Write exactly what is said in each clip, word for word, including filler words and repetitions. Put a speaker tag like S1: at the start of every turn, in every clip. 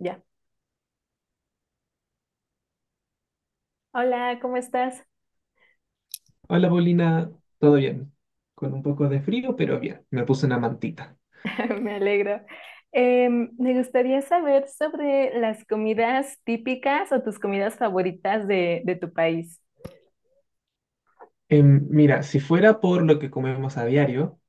S1: Ya. Hola, ¿cómo estás?
S2: Hola Paulina, ¿todo bien? Con un poco de frío, pero bien, me puse una mantita.
S1: Me alegro. Em, me gustaría saber sobre las comidas típicas o tus comidas favoritas de, de tu país.
S2: Em, mira, si fuera por lo que comemos a diario,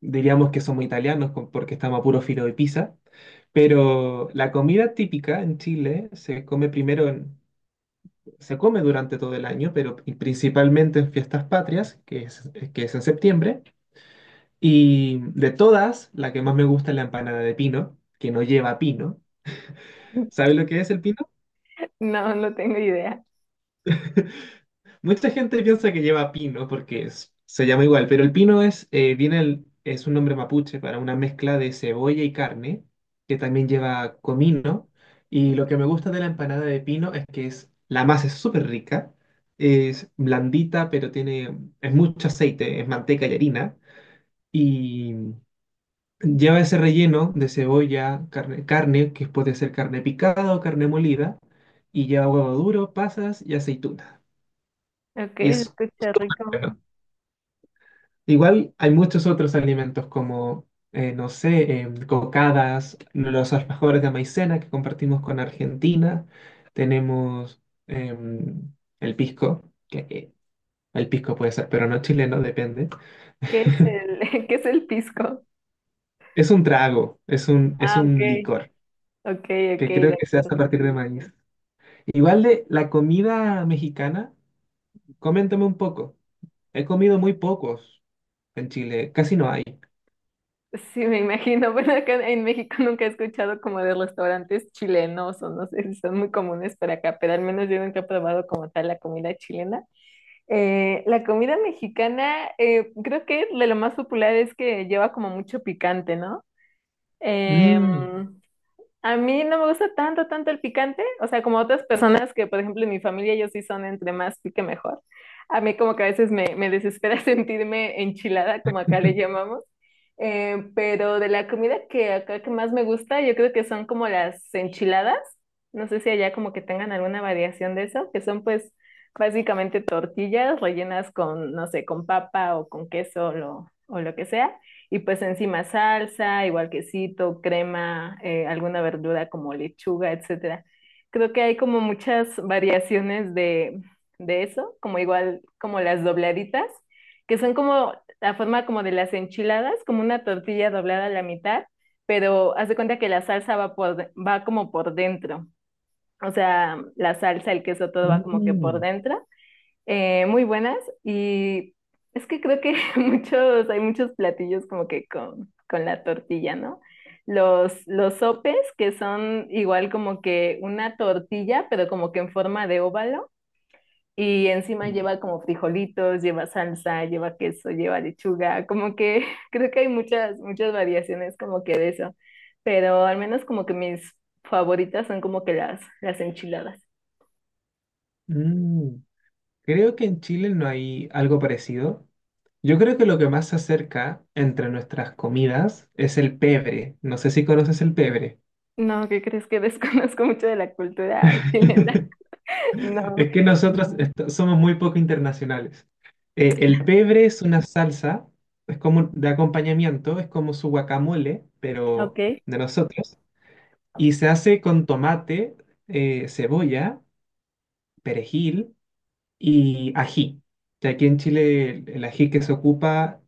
S2: diríamos que somos italianos con- porque estamos a puro filo de pizza, pero la comida típica en Chile se come primero, en- se come durante todo el año, pero pri- principalmente en fiestas patrias, que es, que es en septiembre, y de todas, la que más me gusta es la empanada de pino, que no lleva pino. ¿Sabe lo que es el pino?
S1: No, no tengo idea.
S2: Mucha gente piensa que lleva pino porque es- se llama igual, pero el pino es, eh, viene el- es un nombre mapuche para una mezcla de cebolla y carne, que también lleva comino. Y lo que me gusta de la empanada de pino es que es, la masa es súper rica, es blandita, pero tiene, es mucho aceite, es manteca y harina. Y lleva ese relleno de cebolla, carne, carne, que puede ser carne picada o carne molida, y lleva huevo duro, pasas y aceituna.
S1: Ok,
S2: Y
S1: se
S2: es...
S1: escucha rico.
S2: Igual hay muchos otros alimentos como, eh, no sé, em, cocadas, los alfajores de maicena que compartimos con Argentina. Tenemos em, el pisco, que eh, el pisco puede ser, pero no chileno, depende.
S1: ¿Qué es el, ¿Qué es el pisco?
S2: Es un trago, es un, es
S1: Ah, ok.
S2: un licor,
S1: Ok, ok,
S2: que
S1: de
S2: creo que se hace
S1: acuerdo.
S2: a partir de maíz. Igual de la comida mexicana, coméntame un poco. He comido muy pocos en Chile, casi no hay.
S1: Sí, me imagino. Bueno, acá en México nunca he escuchado como de restaurantes chilenos o no sé si son muy comunes para acá, pero al menos yo nunca he probado como tal la comida chilena. Eh, la comida mexicana, eh, creo que de lo más popular es que lleva como mucho picante, ¿no? Em,
S2: Mm.
S1: a mí no me gusta tanto, tanto el picante, o sea, como otras personas que, por ejemplo, en mi familia ellos sí son entre más pique mejor. A mí como que a veces me, me desespera sentirme enchilada, como acá le llamamos. Eh, pero de la comida que acá que más me gusta, yo creo que son como las enchiladas. No sé si allá como que tengan alguna variación de eso, que son pues básicamente tortillas rellenas con, no sé, con papa o con queso o lo, o lo que sea y pues encima salsa, igual quesito, crema, eh, alguna verdura como lechuga, etcétera. Creo que hay como muchas variaciones de, de eso, como igual como las dobladitas, que son como la forma como de las enchiladas, como una tortilla doblada a la mitad, pero haz de cuenta que la salsa va, por, de- va como por dentro. O sea, la salsa, el queso, todo va como que por
S2: Mm.
S1: dentro. Eh, muy buenas. Y es que creo que muchos, hay muchos platillos como que con, con, la tortilla, ¿no? Los, los sopes, que son igual como que una tortilla, pero como que en forma de óvalo, y encima lleva como frijolitos, lleva salsa, lleva queso, lleva lechuga, como que creo que hay muchas, muchas variaciones como que de eso, pero al menos como que mis favoritas son como que las, las enchiladas.
S2: Mm, Creo que en Chile no hay algo parecido. Yo creo que lo que más se acerca entre nuestras comidas es el pebre. No sé si conoces el pebre.
S1: No, ¿qué crees? Que Desconozco mucho de la cultura chilena. No.
S2: Es que nosotros est- somos muy poco internacionales. Eh, el pebre es una salsa, es como un- de acompañamiento, es como su guacamole,
S1: Ok.
S2: pero de nosotros. Y se hace con tomate, eh, cebolla, perejil y ají. Que aquí en Chile el el ají que se ocupa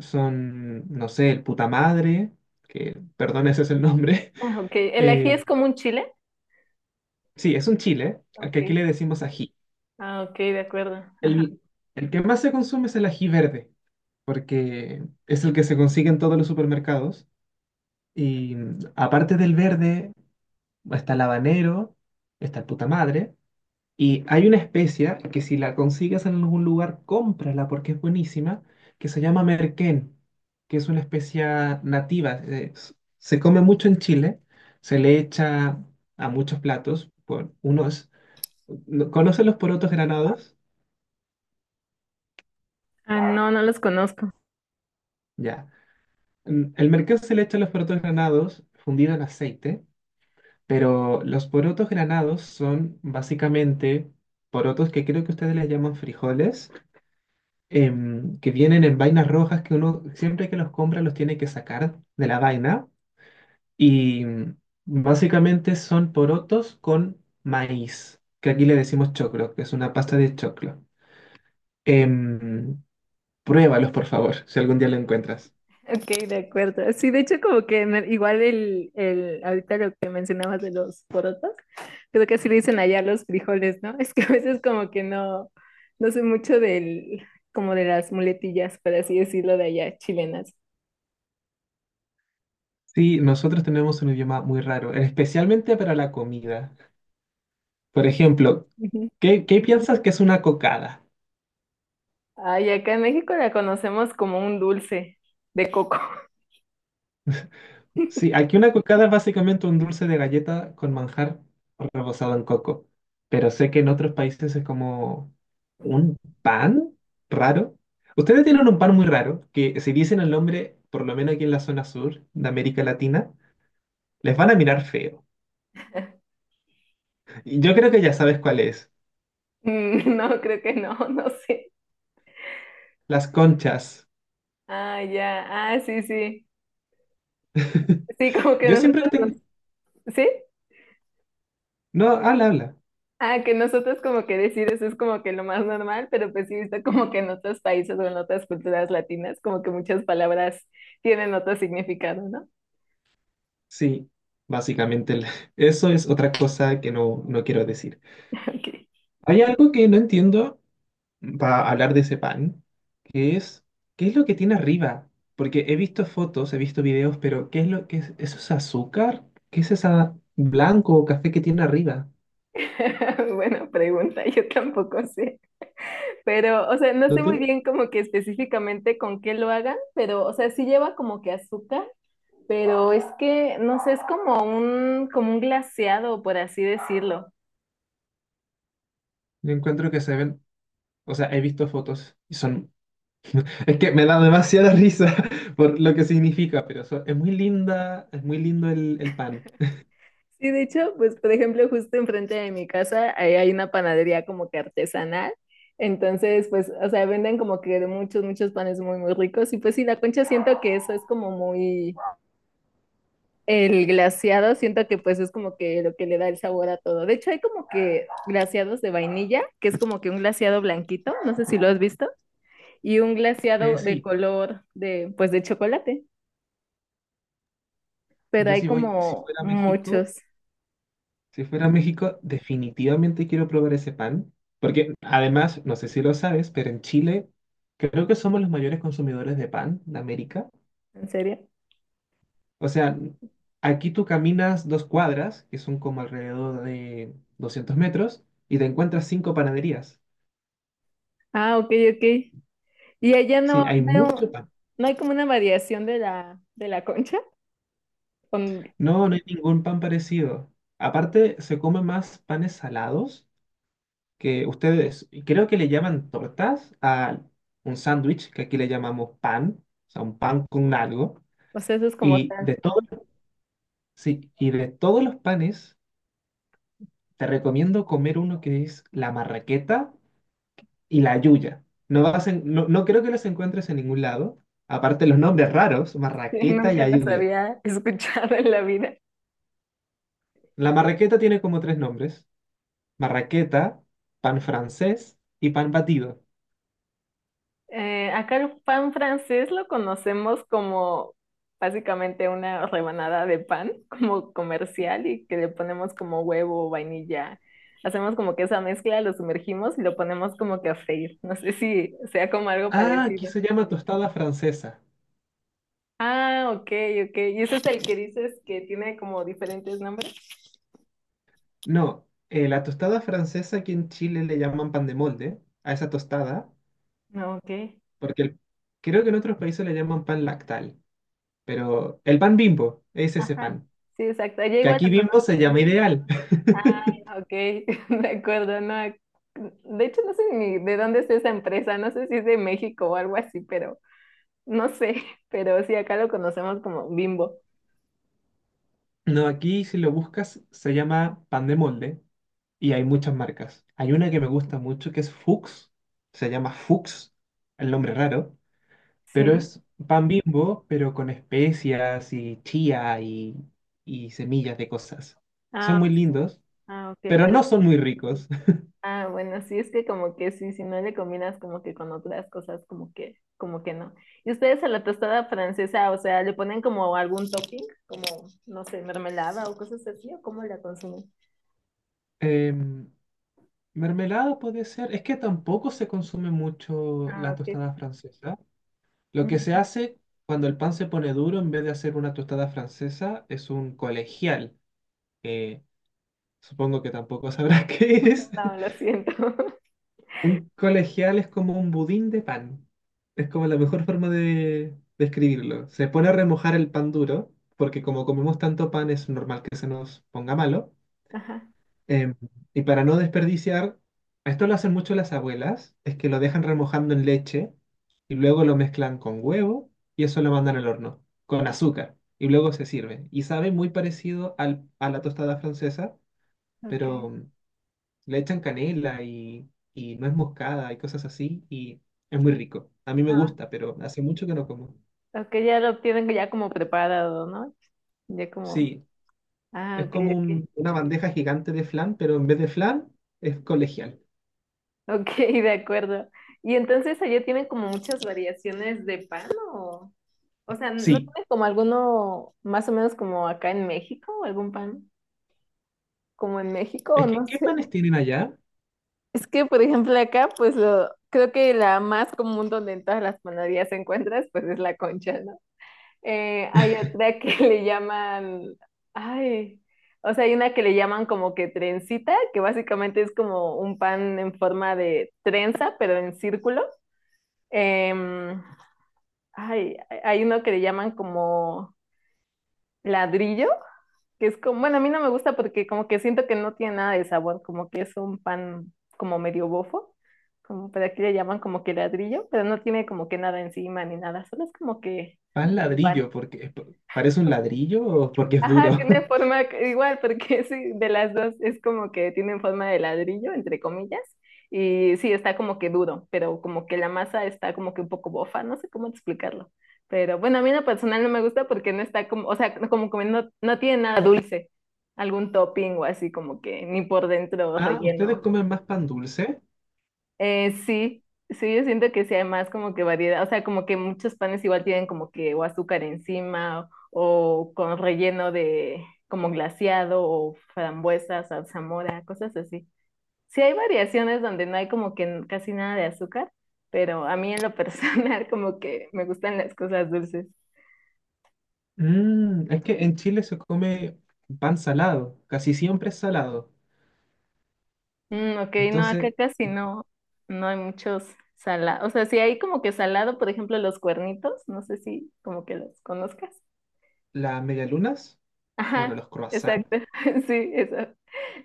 S2: son, no sé, el puta madre, que, perdón, ese es el nombre.
S1: Ah, ok. ¿El ají
S2: Eh,
S1: es como un chile?
S2: sí, es un chile, al
S1: Ok.
S2: que aquí le decimos ají.
S1: Ah, ok, de acuerdo. Ajá.
S2: El, el que más se consume es el ají verde, porque es el que se consigue en todos los supermercados. Y mm, aparte del verde, está el habanero, está el puta madre. Y hay una especia que si la consigues en algún lugar, cómprala porque es buenísima, que se llama merquén, que es una especia nativa. Eh, s- se come mucho en Chile, se le echa a muchos platos, por unos, ¿no- ¿conocen los porotos granados?
S1: Ah, no, no los conozco.
S2: Ya. Mm, El merquén se le echa a los porotos granados fundido en aceite, pero los porotos granados son básicamente porotos que creo que ustedes les llaman frijoles, em, que vienen en vainas rojas que uno siempre que los compra los tiene que sacar de la vaina, y mm, básicamente son porotos con maíz, que aquí le decimos choclo, que es una pasta de choclo. Em, Pruébalos, por favor, si algún día lo encuentras.
S1: Ok, de acuerdo. Sí, de hecho, como que me- igual el, el, ahorita lo que mencionabas de los porotos, creo que así le dicen allá los frijoles, ¿no? Es que a veces como que no, no sé mucho del, como de las muletillas, por así decirlo, de allá, chilenas.
S2: Sí, nosotros tenemos un idioma muy raro, especialmente para la comida. Por ejemplo,
S1: Ujú.
S2: ¿qué, qué piensas que es una cocada?
S1: Ay, acá en México la conocemos como un dulce de coco.
S2: Sí, aquí una cucada es básicamente un dulce de galleta con manjar rebozado en coco, pero sé que en otros países es como un pan raro. Ustedes tienen un pan muy raro que si dicen el nombre, por lo menos aquí en la zona sur de América Latina, les van a mirar feo. Y yo creo que ya sabes cuál es,
S1: Mm, no, creo que no, no sé.
S2: las conchas.
S1: Ah, ya. Ah, sí, sí. Sí, como que
S2: Yo siempre
S1: nosotros
S2: tengo...
S1: nos- ¿Sí?
S2: No, habla, habla.
S1: Ah, que nosotros como que decir eso es como que lo más normal, pero pues sí, he visto como que en otros países o en otras culturas latinas, como que muchas palabras tienen otro significado, ¿no?
S2: Sí, básicamente el- eso es otra cosa que no, no quiero decir.
S1: Ok.
S2: Hay algo que no entiendo, va a hablar de ese pan, que es, ¿qué es lo que tiene arriba? Porque he visto fotos, he visto videos, pero ¿qué es lo que es? ¿Eso es azúcar? ¿Qué es esa blanco o café que tiene arriba?
S1: Buena pregunta, yo tampoco sé. Pero, o sea, no
S2: No
S1: sé muy
S2: tengo,
S1: bien como que específicamente con qué lo hagan, pero, o sea, sí lleva como que azúcar, pero es que, no sé, es como un, como un glaseado, por así decirlo.
S2: yo encuentro que se ven, o sea, he visto fotos y son, es que me da demasiada risa por lo que significa, pero so- es muy linda, es muy lindo el, el pan.
S1: Sí, de hecho, pues por ejemplo, justo enfrente de mi casa ahí hay una panadería como que artesanal. Entonces, pues, o sea, venden como que de muchos, muchos panes muy, muy ricos. Y pues sí, la concha siento que eso es como muy el glaseado, siento que pues es como que lo que le da el sabor a todo. De hecho, hay como que glaseados de vainilla, que es como que un glaseado blanquito, no sé si lo has visto, y un
S2: Eh,
S1: glaseado de
S2: sí,
S1: color de, pues de chocolate, pero
S2: yo
S1: hay
S2: si voy, si
S1: como
S2: fuera a México,
S1: muchos.
S2: Si fuera a México, definitivamente quiero probar ese pan, porque además, no sé si lo sabes, pero en Chile creo que somos los mayores consumidores de pan de América.
S1: ¿En serio?
S2: O sea, aquí tú caminas dos cuadras, que son como alrededor de doscientos metros, y te encuentras cinco panaderías.
S1: Ah, ok, ok. Y allá
S2: Sí,
S1: no,
S2: hay
S1: no,
S2: mucho pan.
S1: no hay como una variación de la, de la concha. Con-
S2: No, no hay ningún pan parecido. Aparte, se come más panes salados que ustedes creo que le llaman tortas a un sándwich, que aquí le llamamos pan, o sea, un pan con algo,
S1: o sea, eso es como
S2: y
S1: tan.
S2: de todo, sí, y de todos los panes te recomiendo comer uno que es la marraqueta y la yuya. No vas en- no, no creo que los encuentres en ningún lado, aparte los nombres raros,
S1: Sí,
S2: marraqueta y
S1: nunca las
S2: ayuya.
S1: había escuchado en la vida.
S2: La marraqueta tiene como tres nombres, marraqueta, pan francés y pan batido.
S1: Eh, acá el pan francés lo conocemos como básicamente una rebanada de pan, como comercial, y que le ponemos como huevo, vainilla. Hacemos como que esa mezcla, lo sumergimos y lo ponemos como que a freír. No sé si sea como algo
S2: Ah, aquí
S1: parecido.
S2: se llama tostada francesa.
S1: Ah, ok, ok. ¿Y ese es el que dices que tiene como diferentes nombres?
S2: No, eh, la tostada francesa aquí en Chile le llaman pan de molde a esa tostada,
S1: No, ok.
S2: porque el- creo que en otros países le llaman pan lactal, pero el pan Bimbo es ese
S1: Ajá.
S2: pan,
S1: Sí, exacto. Ella
S2: que
S1: igual
S2: aquí
S1: lo
S2: Bimbo
S1: conoce.
S2: se llama ideal.
S1: Ah, ok, de acuerdo, no. De hecho, no sé ni de dónde es esa empresa, no sé si es de México o algo así, pero no sé, pero sí, acá lo conocemos como Bimbo.
S2: No, aquí si lo buscas se llama pan de molde y hay muchas marcas. Hay una que me gusta mucho que es Fuchs, se llama Fuchs, el nombre raro, pero
S1: Sí.
S2: es pan Bimbo, pero con especias y chía y, y semillas de cosas. Son
S1: Ah,
S2: muy lindos,
S1: ah, ok.
S2: pero
S1: el-
S2: no son muy ricos.
S1: ah, bueno, sí, es que como que sí, si no le combinas como que con otras cosas, como que, como que no. ¿Y ustedes a la tostada francesa, o sea, le ponen como algún topping, como, no sé, mermelada o cosas así, o cómo la consumen?
S2: Em, Mermelada puede ser. Es que tampoco se consume mucho
S1: Ah,
S2: la
S1: ok.
S2: tostada francesa. Lo que se hace cuando el pan se pone duro, en vez de hacer una tostada francesa, es un colegial, que supongo que tampoco sabrás qué es.
S1: No, lo siento.
S2: Un colegial es como un budín de pan. Es como la mejor forma de describirlo. Se pone a remojar el pan duro, porque como comemos tanto pan, es normal que se nos ponga malo.
S1: Ajá,
S2: Em, y para no desperdiciar, esto lo hacen mucho las abuelas, es que lo dejan remojando en leche y luego lo mezclan con huevo y eso lo mandan al horno, con azúcar, y luego se sirve. Y sabe muy parecido al, a la tostada francesa,
S1: ok.
S2: pero mm, le echan canela y, y nuez moscada y cosas así, y es muy rico. A mí me
S1: Ah,
S2: gusta, pero hace mucho que no como.
S1: ok, ya lo tienen ya como preparado, ¿no? Ya como,
S2: Sí,
S1: ah,
S2: es
S1: ok,
S2: como
S1: ok.
S2: un- una bandeja gigante de flan, pero en vez de flan es colegial.
S1: Ok, de acuerdo. Y entonces allá tienen como muchas variaciones de pan o, o sea, ¿no
S2: Sí,
S1: tienen como alguno más o menos como acá en México o algún pan como en México o
S2: es que
S1: no
S2: ¿qué
S1: sé?
S2: panes tienen allá?
S1: Es que, por ejemplo, acá pues lo, creo que la más común donde en todas las panaderías encuentras pues es la concha, ¿no? Eh, hay otra que le llaman, ay, o sea, hay una que le llaman como que trencita, que básicamente es como un pan en forma de trenza, pero en círculo. Em, ay, hay uno que le llaman como ladrillo, que es como, bueno, a mí no me gusta porque como que siento que no tiene nada de sabor, como que es un pan como medio bofo, como, pero aquí le llaman como que ladrillo, pero no tiene como que nada encima ni nada, solo es como que
S2: Pan
S1: un pan.
S2: ladrillo, ¿porque parece un ladrillo o porque es
S1: Ajá,
S2: duro?
S1: tiene forma c- igual, porque sí, de las dos es como que tienen forma de ladrillo, entre comillas, y sí, está como que duro, pero como que la masa está como que un poco bofa, no sé cómo explicarlo. Pero bueno, a mí en lo personal no me gusta porque no está como, o sea, no- como que no, no tiene nada dulce, algún topping o así como que ni por dentro
S2: Ah, ¿ustedes
S1: relleno.
S2: comen más pan dulce?
S1: Eh, sí, sí, yo siento que sí hay más como que variedad, o sea, como que muchos panes igual tienen como que o azúcar encima o, o con relleno de como glaseado o frambuesas, zarzamora, cosas así. Sí hay variaciones donde no hay como que n- casi nada de azúcar, pero a mí en lo personal como que me gustan las cosas dulces.
S2: Mm, es que en Chile se come pan salado, casi siempre es salado.
S1: Mm, ok, no, acá
S2: Entonces,
S1: casi no, no hay muchos salados, o sea, sí hay como que salado, por ejemplo, los cuernitos, no sé si como que los conozcas.
S2: las medialunas, bueno,
S1: Ajá,
S2: los croissants,
S1: exacto. Sí, eso.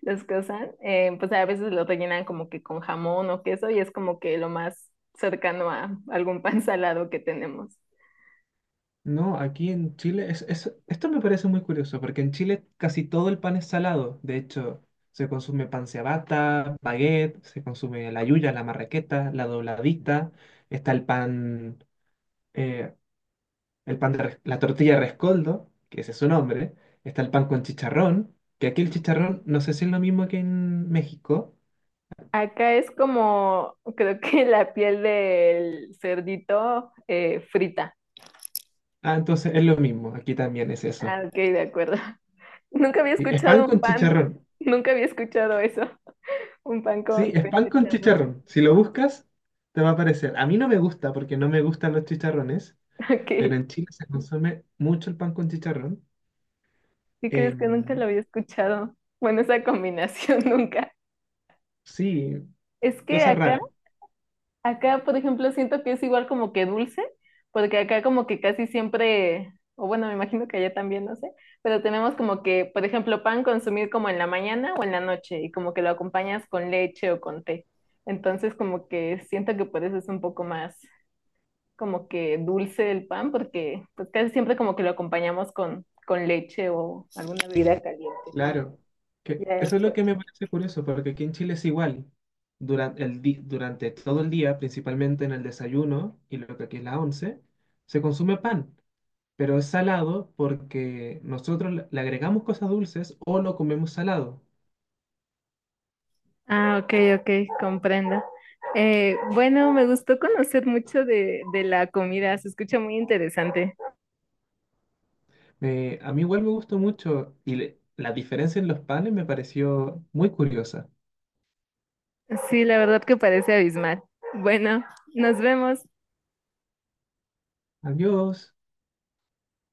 S1: Los cosan. eh, pues a veces lo rellenan como que con jamón o queso y es como que lo más cercano a algún pan salado que tenemos.
S2: no, aquí en Chile, es, es- esto me parece muy curioso, porque en Chile casi todo el pan es salado. De hecho, se consume pan ciabatta, baguette, se consume la yuya, la marraqueta, la dobladita, está el pan. eh, el pan de, res- la tortilla de rescoldo, que ese es su nombre, está el pan con chicharrón, que aquí el chicharrón no sé si es lo mismo que en México.
S1: Acá es como, creo que la piel del cerdito eh, frita.
S2: Ah, entonces es lo mismo, aquí también es eso.
S1: Ah, ok, de acuerdo. Nunca había
S2: Sí, es pan
S1: escuchado un
S2: con
S1: pan,
S2: chicharrón.
S1: nunca había escuchado eso, un pan
S2: Sí,
S1: con,
S2: es
S1: con
S2: pan con
S1: chicharrón.
S2: chicharrón. Si lo buscas, te va a aparecer. A mí no me gusta porque no me gustan los chicharrones, pero
S1: Ok,
S2: en Chile se consume mucho el pan con chicharrón.
S1: ¿sí crees que nunca
S2: Em,
S1: lo había escuchado? Bueno, esa combinación nunca.
S2: sí,
S1: Es que
S2: cosa
S1: acá.
S2: rara.
S1: Acá, por ejemplo, siento que es igual como que dulce, porque acá como que casi siempre, o bueno, me imagino que allá también, no sé, pero tenemos como que, por ejemplo, pan consumir como en la mañana o en la noche y como que lo acompañas con leche o con té. Entonces como que siento que por eso es un poco más como que dulce el pan, porque pues casi siempre como que lo acompañamos con, con, leche o alguna bebida caliente.
S2: Claro, que
S1: Ya,
S2: eso es lo
S1: pues.
S2: que me parece curioso, porque aquí en Chile es igual. Durante, el di- durante todo el día, principalmente en el desayuno y lo que aquí es la once, se consume pan, pero es salado porque nosotros le le agregamos cosas dulces o lo comemos salado.
S1: Ah, ok, ok, comprendo. Eh, bueno, me gustó conocer mucho de, de la comida, se escucha muy interesante.
S2: Me- a mí igual me gustó mucho, y le- la diferencia en los panes me pareció muy curiosa.
S1: Sí, la verdad que parece abismal. Bueno, nos vemos.
S2: Adiós.